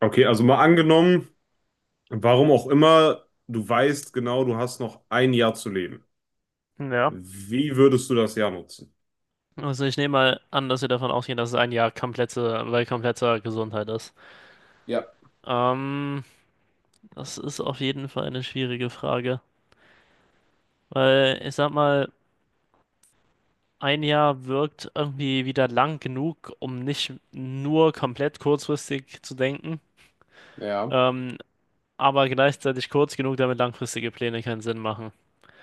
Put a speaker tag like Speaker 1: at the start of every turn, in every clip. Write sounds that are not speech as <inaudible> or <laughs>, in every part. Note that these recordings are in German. Speaker 1: Okay, also mal angenommen, warum auch immer, du weißt genau, du hast noch ein Jahr zu leben.
Speaker 2: Ja.
Speaker 1: Wie würdest du das Jahr nutzen?
Speaker 2: Also ich nehme mal an, dass wir davon ausgehen, dass es ein Jahr komplette, bei kompletter Gesundheit ist. Ähm, Das ist auf jeden Fall eine schwierige Frage, weil ich sag mal, ein Jahr wirkt irgendwie wieder lang genug, um nicht nur komplett kurzfristig zu denken,
Speaker 1: Ja,
Speaker 2: ähm, aber gleichzeitig kurz genug, damit langfristige Pläne keinen Sinn machen.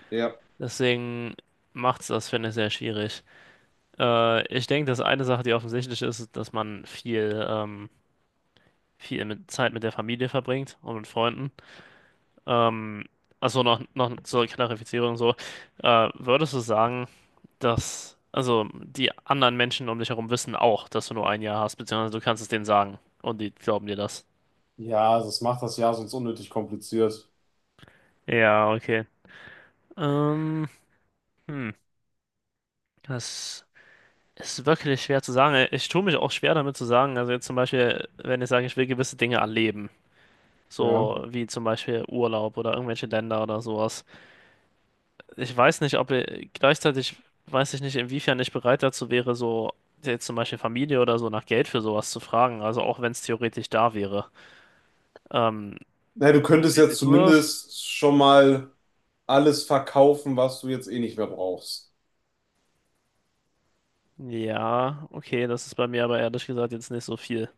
Speaker 1: ja.
Speaker 2: Deswegen macht's das, finde ich, sehr schwierig. Ich denke, dass eine Sache, die offensichtlich ist, ist, dass man viel mit Zeit mit der Familie verbringt und mit Freunden. Ähm, also noch zur Klarifizierung so, würdest du sagen, dass also die anderen Menschen um dich herum wissen auch, dass du nur ein Jahr hast, beziehungsweise du kannst es denen sagen und die glauben dir das?
Speaker 1: Ja, das macht das Jahr sonst unnötig kompliziert.
Speaker 2: Ja, okay. Ähm, hm, Das ist wirklich schwer zu sagen. Ich tue mich auch schwer damit zu sagen. Also jetzt zum Beispiel, wenn ich sage, ich will gewisse Dinge erleben,
Speaker 1: Ja.
Speaker 2: so wie zum Beispiel Urlaub oder irgendwelche Länder oder sowas. Ich weiß nicht, ob er gleichzeitig weiß ich nicht, inwiefern ich bereit dazu wäre, so jetzt zum Beispiel Familie oder so nach Geld für sowas zu fragen. Also auch wenn es theoretisch da wäre. Ähm,
Speaker 1: Na, du
Speaker 2: Was,
Speaker 1: könntest
Speaker 2: wie
Speaker 1: jetzt
Speaker 2: siehst du das?
Speaker 1: zumindest schon mal alles verkaufen, was du jetzt eh nicht mehr brauchst.
Speaker 2: Ja, okay, das ist bei mir aber ehrlich gesagt jetzt nicht so viel.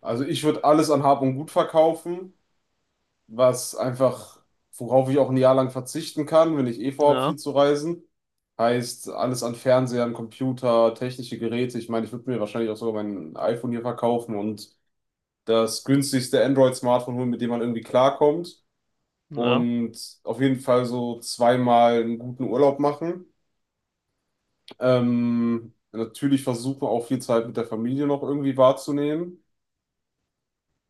Speaker 1: Also ich würde alles an Hab und Gut verkaufen, was einfach, worauf ich auch ein Jahr lang verzichten kann, wenn ich eh vorhabe, viel
Speaker 2: Ja,
Speaker 1: zu reisen. Heißt, alles an Fernsehern, Computer, technische Geräte. Ich meine, ich würde mir wahrscheinlich auch sogar mein iPhone hier verkaufen und das günstigste Android-Smartphone holen, mit dem man irgendwie klarkommt.
Speaker 2: ja,
Speaker 1: Und auf jeden Fall so zweimal einen guten Urlaub machen. Natürlich versuchen, auch viel Zeit mit der Familie noch irgendwie wahrzunehmen.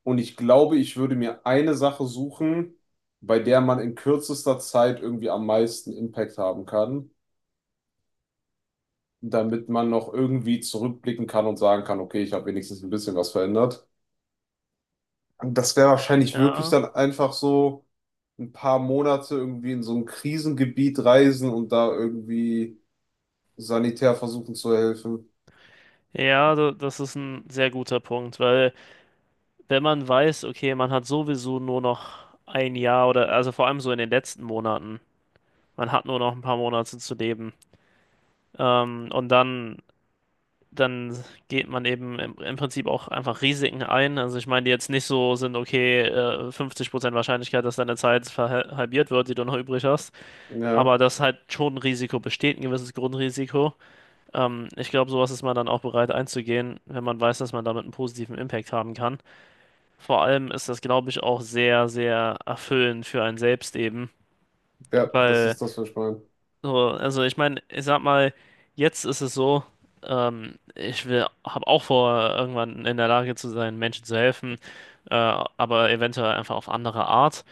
Speaker 1: Und ich glaube, ich würde mir eine Sache suchen, bei der man in kürzester Zeit irgendwie am meisten Impact haben kann, damit man noch irgendwie zurückblicken kann und sagen kann, okay, ich habe wenigstens ein bisschen was verändert. Und das wäre wahrscheinlich wirklich
Speaker 2: ja.
Speaker 1: dann einfach so ein paar Monate irgendwie in so ein Krisengebiet reisen und da irgendwie sanitär versuchen zu helfen.
Speaker 2: Ja, das ist ein sehr guter Punkt, weil wenn man weiß, okay, man hat sowieso nur noch ein Jahr oder also vor allem so in den letzten Monaten, man hat nur noch ein paar Monate zu leben. Und dann geht man eben im Prinzip auch einfach Risiken ein. Also ich meine, die jetzt nicht so sind, okay, 50% Wahrscheinlichkeit, dass deine Zeit halbiert wird, die du noch übrig hast,
Speaker 1: Ja,
Speaker 2: aber dass halt schon ein Risiko besteht, ein gewisses Grundrisiko. Ich glaube, sowas ist man dann auch bereit einzugehen, wenn man weiß, dass man damit einen positiven Impact haben kann. Vor allem ist das, glaube ich, auch sehr, sehr erfüllend für einen selbst eben,
Speaker 1: ja, das
Speaker 2: weil
Speaker 1: ist das, was ich meine.
Speaker 2: so, also ich meine, ich sag mal, jetzt ist es so, ich will, habe auch vor, irgendwann in der Lage zu sein, Menschen zu helfen, aber eventuell einfach auf andere Art.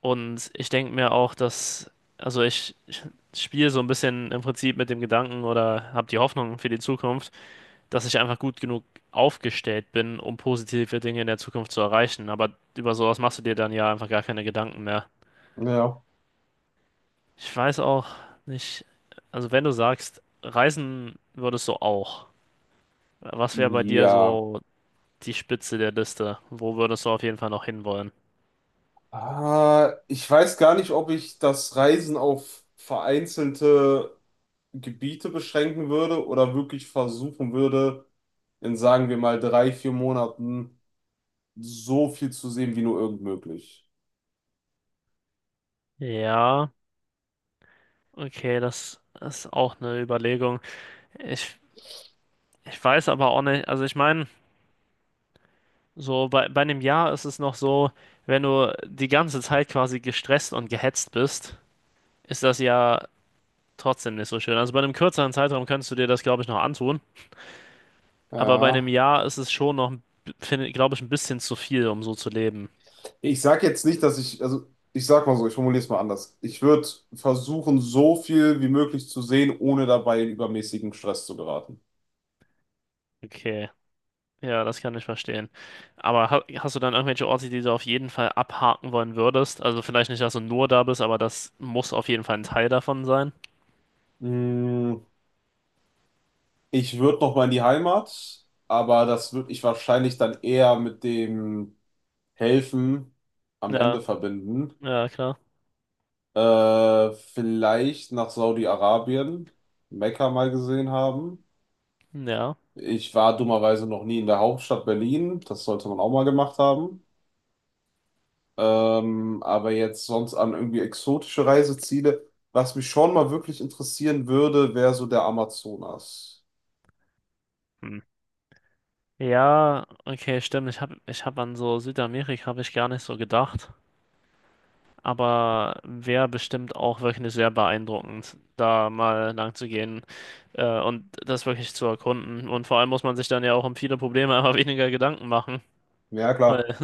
Speaker 2: Und ich denke mir auch, dass, also ich spiele so ein bisschen im Prinzip mit dem Gedanken oder habe die Hoffnung für die Zukunft, dass ich einfach gut genug aufgestellt bin, um positive Dinge in der Zukunft zu erreichen. Aber über sowas machst du dir dann ja einfach gar keine Gedanken mehr.
Speaker 1: Ja.
Speaker 2: Ich weiß auch nicht, also wenn du sagst, reisen würdest du auch, was wäre bei dir
Speaker 1: Ja.
Speaker 2: so die Spitze der Liste? Wo würdest du auf jeden Fall noch hinwollen?
Speaker 1: Ah, ich weiß gar nicht, ob ich das Reisen auf vereinzelte Gebiete beschränken würde oder wirklich versuchen würde, in sagen wir mal drei, vier Monaten so viel zu sehen, wie nur irgend möglich.
Speaker 2: Ja, okay, das ist auch eine Überlegung. Ich, Ich weiß aber auch nicht, also ich meine, so bei einem Jahr ist es noch so, wenn du die ganze Zeit quasi gestresst und gehetzt bist, ist das ja trotzdem nicht so schön. Also bei einem kürzeren Zeitraum könntest du dir das, glaube ich, noch antun. Aber bei einem
Speaker 1: Ja.
Speaker 2: Jahr ist es schon noch, glaube ich, ein bisschen zu viel, um so zu leben.
Speaker 1: Ich sag jetzt nicht, dass ich, also ich sag mal so, ich formuliere es mal anders. Ich würde versuchen, so viel wie möglich zu sehen, ohne dabei in übermäßigen Stress zu geraten.
Speaker 2: Okay, ja, das kann ich verstehen. Aber ha hast du dann irgendwelche Orte, die du auf jeden Fall abhaken wollen würdest? Also vielleicht nicht, dass du nur da bist, aber das muss auf jeden Fall ein Teil davon sein.
Speaker 1: Mm, Ich würde noch mal in die Heimat, aber das würde ich wahrscheinlich dann eher mit dem Helfen am
Speaker 2: Ja,
Speaker 1: Ende verbinden.
Speaker 2: ja, klar.
Speaker 1: Vielleicht nach Saudi-Arabien, Mekka mal gesehen haben.
Speaker 2: Ja.
Speaker 1: Ich war dummerweise noch nie in der Hauptstadt Berlin. Das sollte man auch mal gemacht haben. Aber jetzt sonst an irgendwie exotische Reiseziele. Was mich schon mal wirklich interessieren würde, wäre so der Amazonas.
Speaker 2: Hm. Ja, okay, stimmt. Ich hab an so Südamerika habe ich gar nicht so gedacht. Aber wäre bestimmt auch wirklich sehr beeindruckend, da mal lang zu gehen. Und das wirklich zu erkunden. Und vor allem muss man sich dann ja auch um viele Probleme einfach <laughs> weniger Gedanken machen,
Speaker 1: Ja, klar.
Speaker 2: weil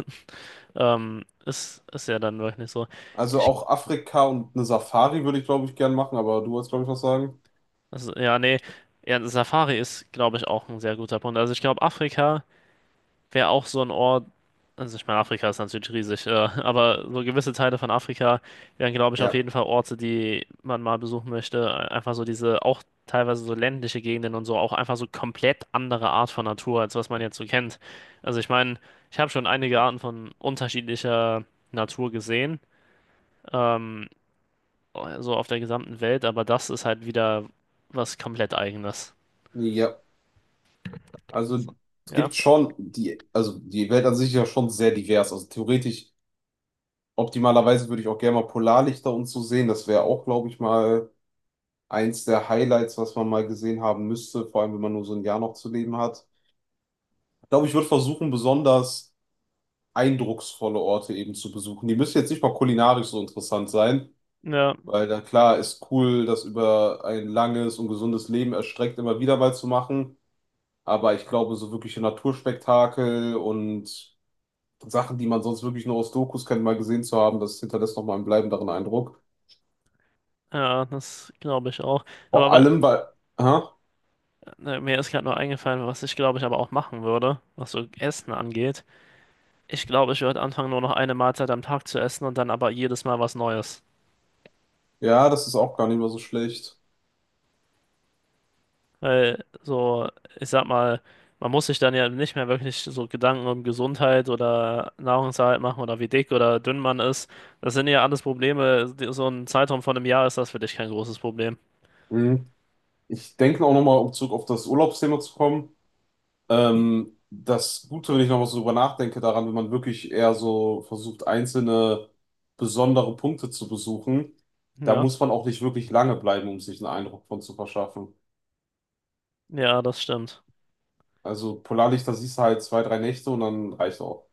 Speaker 2: es ist ja dann wirklich so.
Speaker 1: Also
Speaker 2: Ich,
Speaker 1: auch Afrika und eine Safari würde ich, glaube ich, gern machen, aber du wolltest, glaube ich, was sagen.
Speaker 2: also, ja, nee, ja, Safari ist, glaube ich, auch ein sehr guter Punkt. Also ich glaube, Afrika wäre auch so ein Ort, also ich meine, Afrika ist natürlich riesig, aber so gewisse Teile von Afrika wären, glaube ich, auf
Speaker 1: Ja,
Speaker 2: jeden Fall Orte, die man mal besuchen möchte. Einfach so diese, auch teilweise so ländliche Gegenden und so, auch einfach so komplett andere Art von Natur, als was man jetzt so kennt. Also ich meine, ich habe schon einige Arten von unterschiedlicher Natur gesehen, ähm, so auf der gesamten Welt, aber das ist halt wieder was komplett Eigenes.
Speaker 1: ja, also
Speaker 2: So.
Speaker 1: es
Speaker 2: Ja,
Speaker 1: gibt schon also die Welt an sich ist ja schon sehr divers. Also theoretisch, optimalerweise würde ich auch gerne mal Polarlichter und so sehen. Das wäre auch, glaube ich, mal eins der Highlights, was man mal gesehen haben müsste, vor allem wenn man nur so ein Jahr noch zu leben hat. Ich glaube, ich würde versuchen, besonders eindrucksvolle Orte eben zu besuchen. Die müssen jetzt nicht mal kulinarisch so interessant sein.
Speaker 2: ja,
Speaker 1: Weil dann klar ist cool, das über ein langes und gesundes Leben erstreckt immer wieder mal zu machen. Aber ich glaube, so wirkliche Naturspektakel und Sachen, die man sonst wirklich nur aus Dokus kennt, mal gesehen zu haben, das hinterlässt nochmal einen bleibenderen Eindruck.
Speaker 2: ja, das glaube ich auch.
Speaker 1: Vor
Speaker 2: Aber
Speaker 1: allem, weil, aha,
Speaker 2: ne, mir ist gerade nur eingefallen, was ich glaube ich aber auch machen würde, was so Essen angeht. Ich glaube, ich würde anfangen, nur noch eine Mahlzeit am Tag zu essen und dann aber jedes Mal was Neues.
Speaker 1: ja, das ist auch gar nicht mehr so schlecht.
Speaker 2: Weil so, ich sag mal, man muss sich dann ja nicht mehr wirklich so Gedanken um Gesundheit oder Nahrungserhalt machen oder wie dick oder dünn man ist. Das sind ja alles Probleme. So ein Zeitraum von einem Jahr ist das für dich kein großes Problem.
Speaker 1: Mhm. Ich denke auch nochmal, um zurück auf das Urlaubsthema zu kommen. Das Gute, wenn ich nochmal so drüber nachdenke, daran, wenn man wirklich eher so versucht, einzelne besondere Punkte zu besuchen, da
Speaker 2: Ja,
Speaker 1: muss man auch nicht wirklich lange bleiben, um sich einen Eindruck von zu verschaffen.
Speaker 2: ja, das stimmt.
Speaker 1: Also Polarlichter siehst du halt zwei, drei Nächte und dann reicht auch.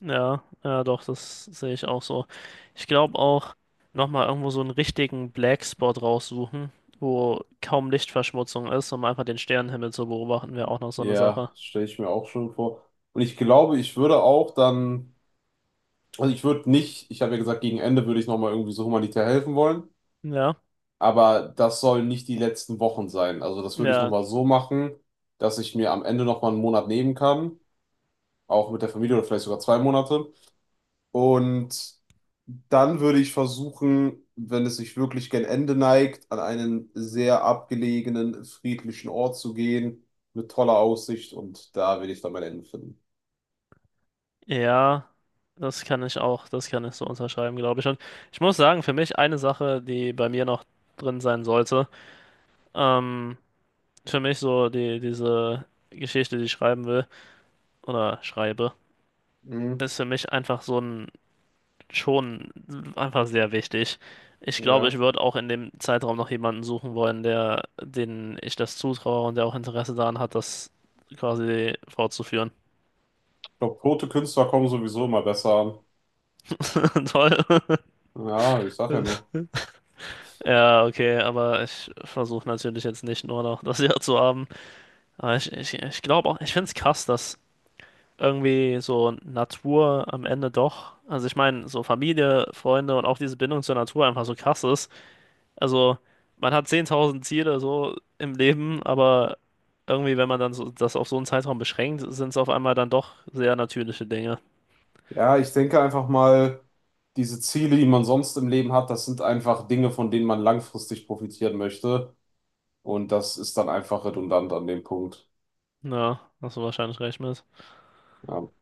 Speaker 2: Ja, ja, doch, das sehe ich auch so. Ich glaube auch, nochmal irgendwo so einen richtigen Black Spot raussuchen, wo kaum Lichtverschmutzung ist, um einfach den Sternenhimmel zu beobachten, wäre auch noch so eine
Speaker 1: Ja,
Speaker 2: Sache.
Speaker 1: stelle ich mir auch schon vor. Und ich glaube, ich würde auch dann, also ich würde nicht, ich habe ja gesagt, gegen Ende würde ich nochmal irgendwie so humanitär helfen wollen.
Speaker 2: Ja,
Speaker 1: Aber das sollen nicht die letzten Wochen sein. Also das würde ich
Speaker 2: ja,
Speaker 1: nochmal so machen, dass ich mir am Ende nochmal einen Monat nehmen kann, auch mit der Familie oder vielleicht sogar zwei Monate. Und dann würde ich versuchen, wenn es sich wirklich gen Ende neigt, an einen sehr abgelegenen, friedlichen Ort zu gehen mit toller Aussicht, und da will ich dann mein Ende finden.
Speaker 2: ja, das kann ich auch, das kann ich so unterschreiben, glaube ich. Und ich muss sagen, für mich eine Sache, die bei mir noch drin sein sollte, ähm, für mich so diese Geschichte, die ich schreiben will, oder schreibe,
Speaker 1: Mhm,
Speaker 2: ist für mich einfach so ein schon einfach sehr wichtig. Ich glaube, ich
Speaker 1: ja.
Speaker 2: würde auch in dem Zeitraum noch jemanden suchen wollen, der, den ich das zutraue und der auch Interesse daran hat, das quasi fortzuführen.
Speaker 1: Ich glaube, tote Künstler kommen sowieso immer besser an.
Speaker 2: <laughs> Toll.
Speaker 1: Ja, ich sag ja nur.
Speaker 2: Ja, okay, aber ich versuche natürlich jetzt nicht nur noch das Jahr zu haben. Aber ich glaube auch, ich finde es krass, dass irgendwie so Natur am Ende doch, also ich meine, so Familie, Freunde und auch diese Bindung zur Natur einfach so krass ist. Also, man hat 10.000 Ziele so im Leben, aber irgendwie, wenn man dann so, das auf so einen Zeitraum beschränkt, sind es auf einmal dann doch sehr natürliche Dinge.
Speaker 1: Ja, ich denke einfach mal, diese Ziele, die man sonst im Leben hat, das sind einfach Dinge, von denen man langfristig profitieren möchte. Und das ist dann einfach redundant an dem Punkt.
Speaker 2: Ja, hast du wahrscheinlich recht mit.
Speaker 1: Ja.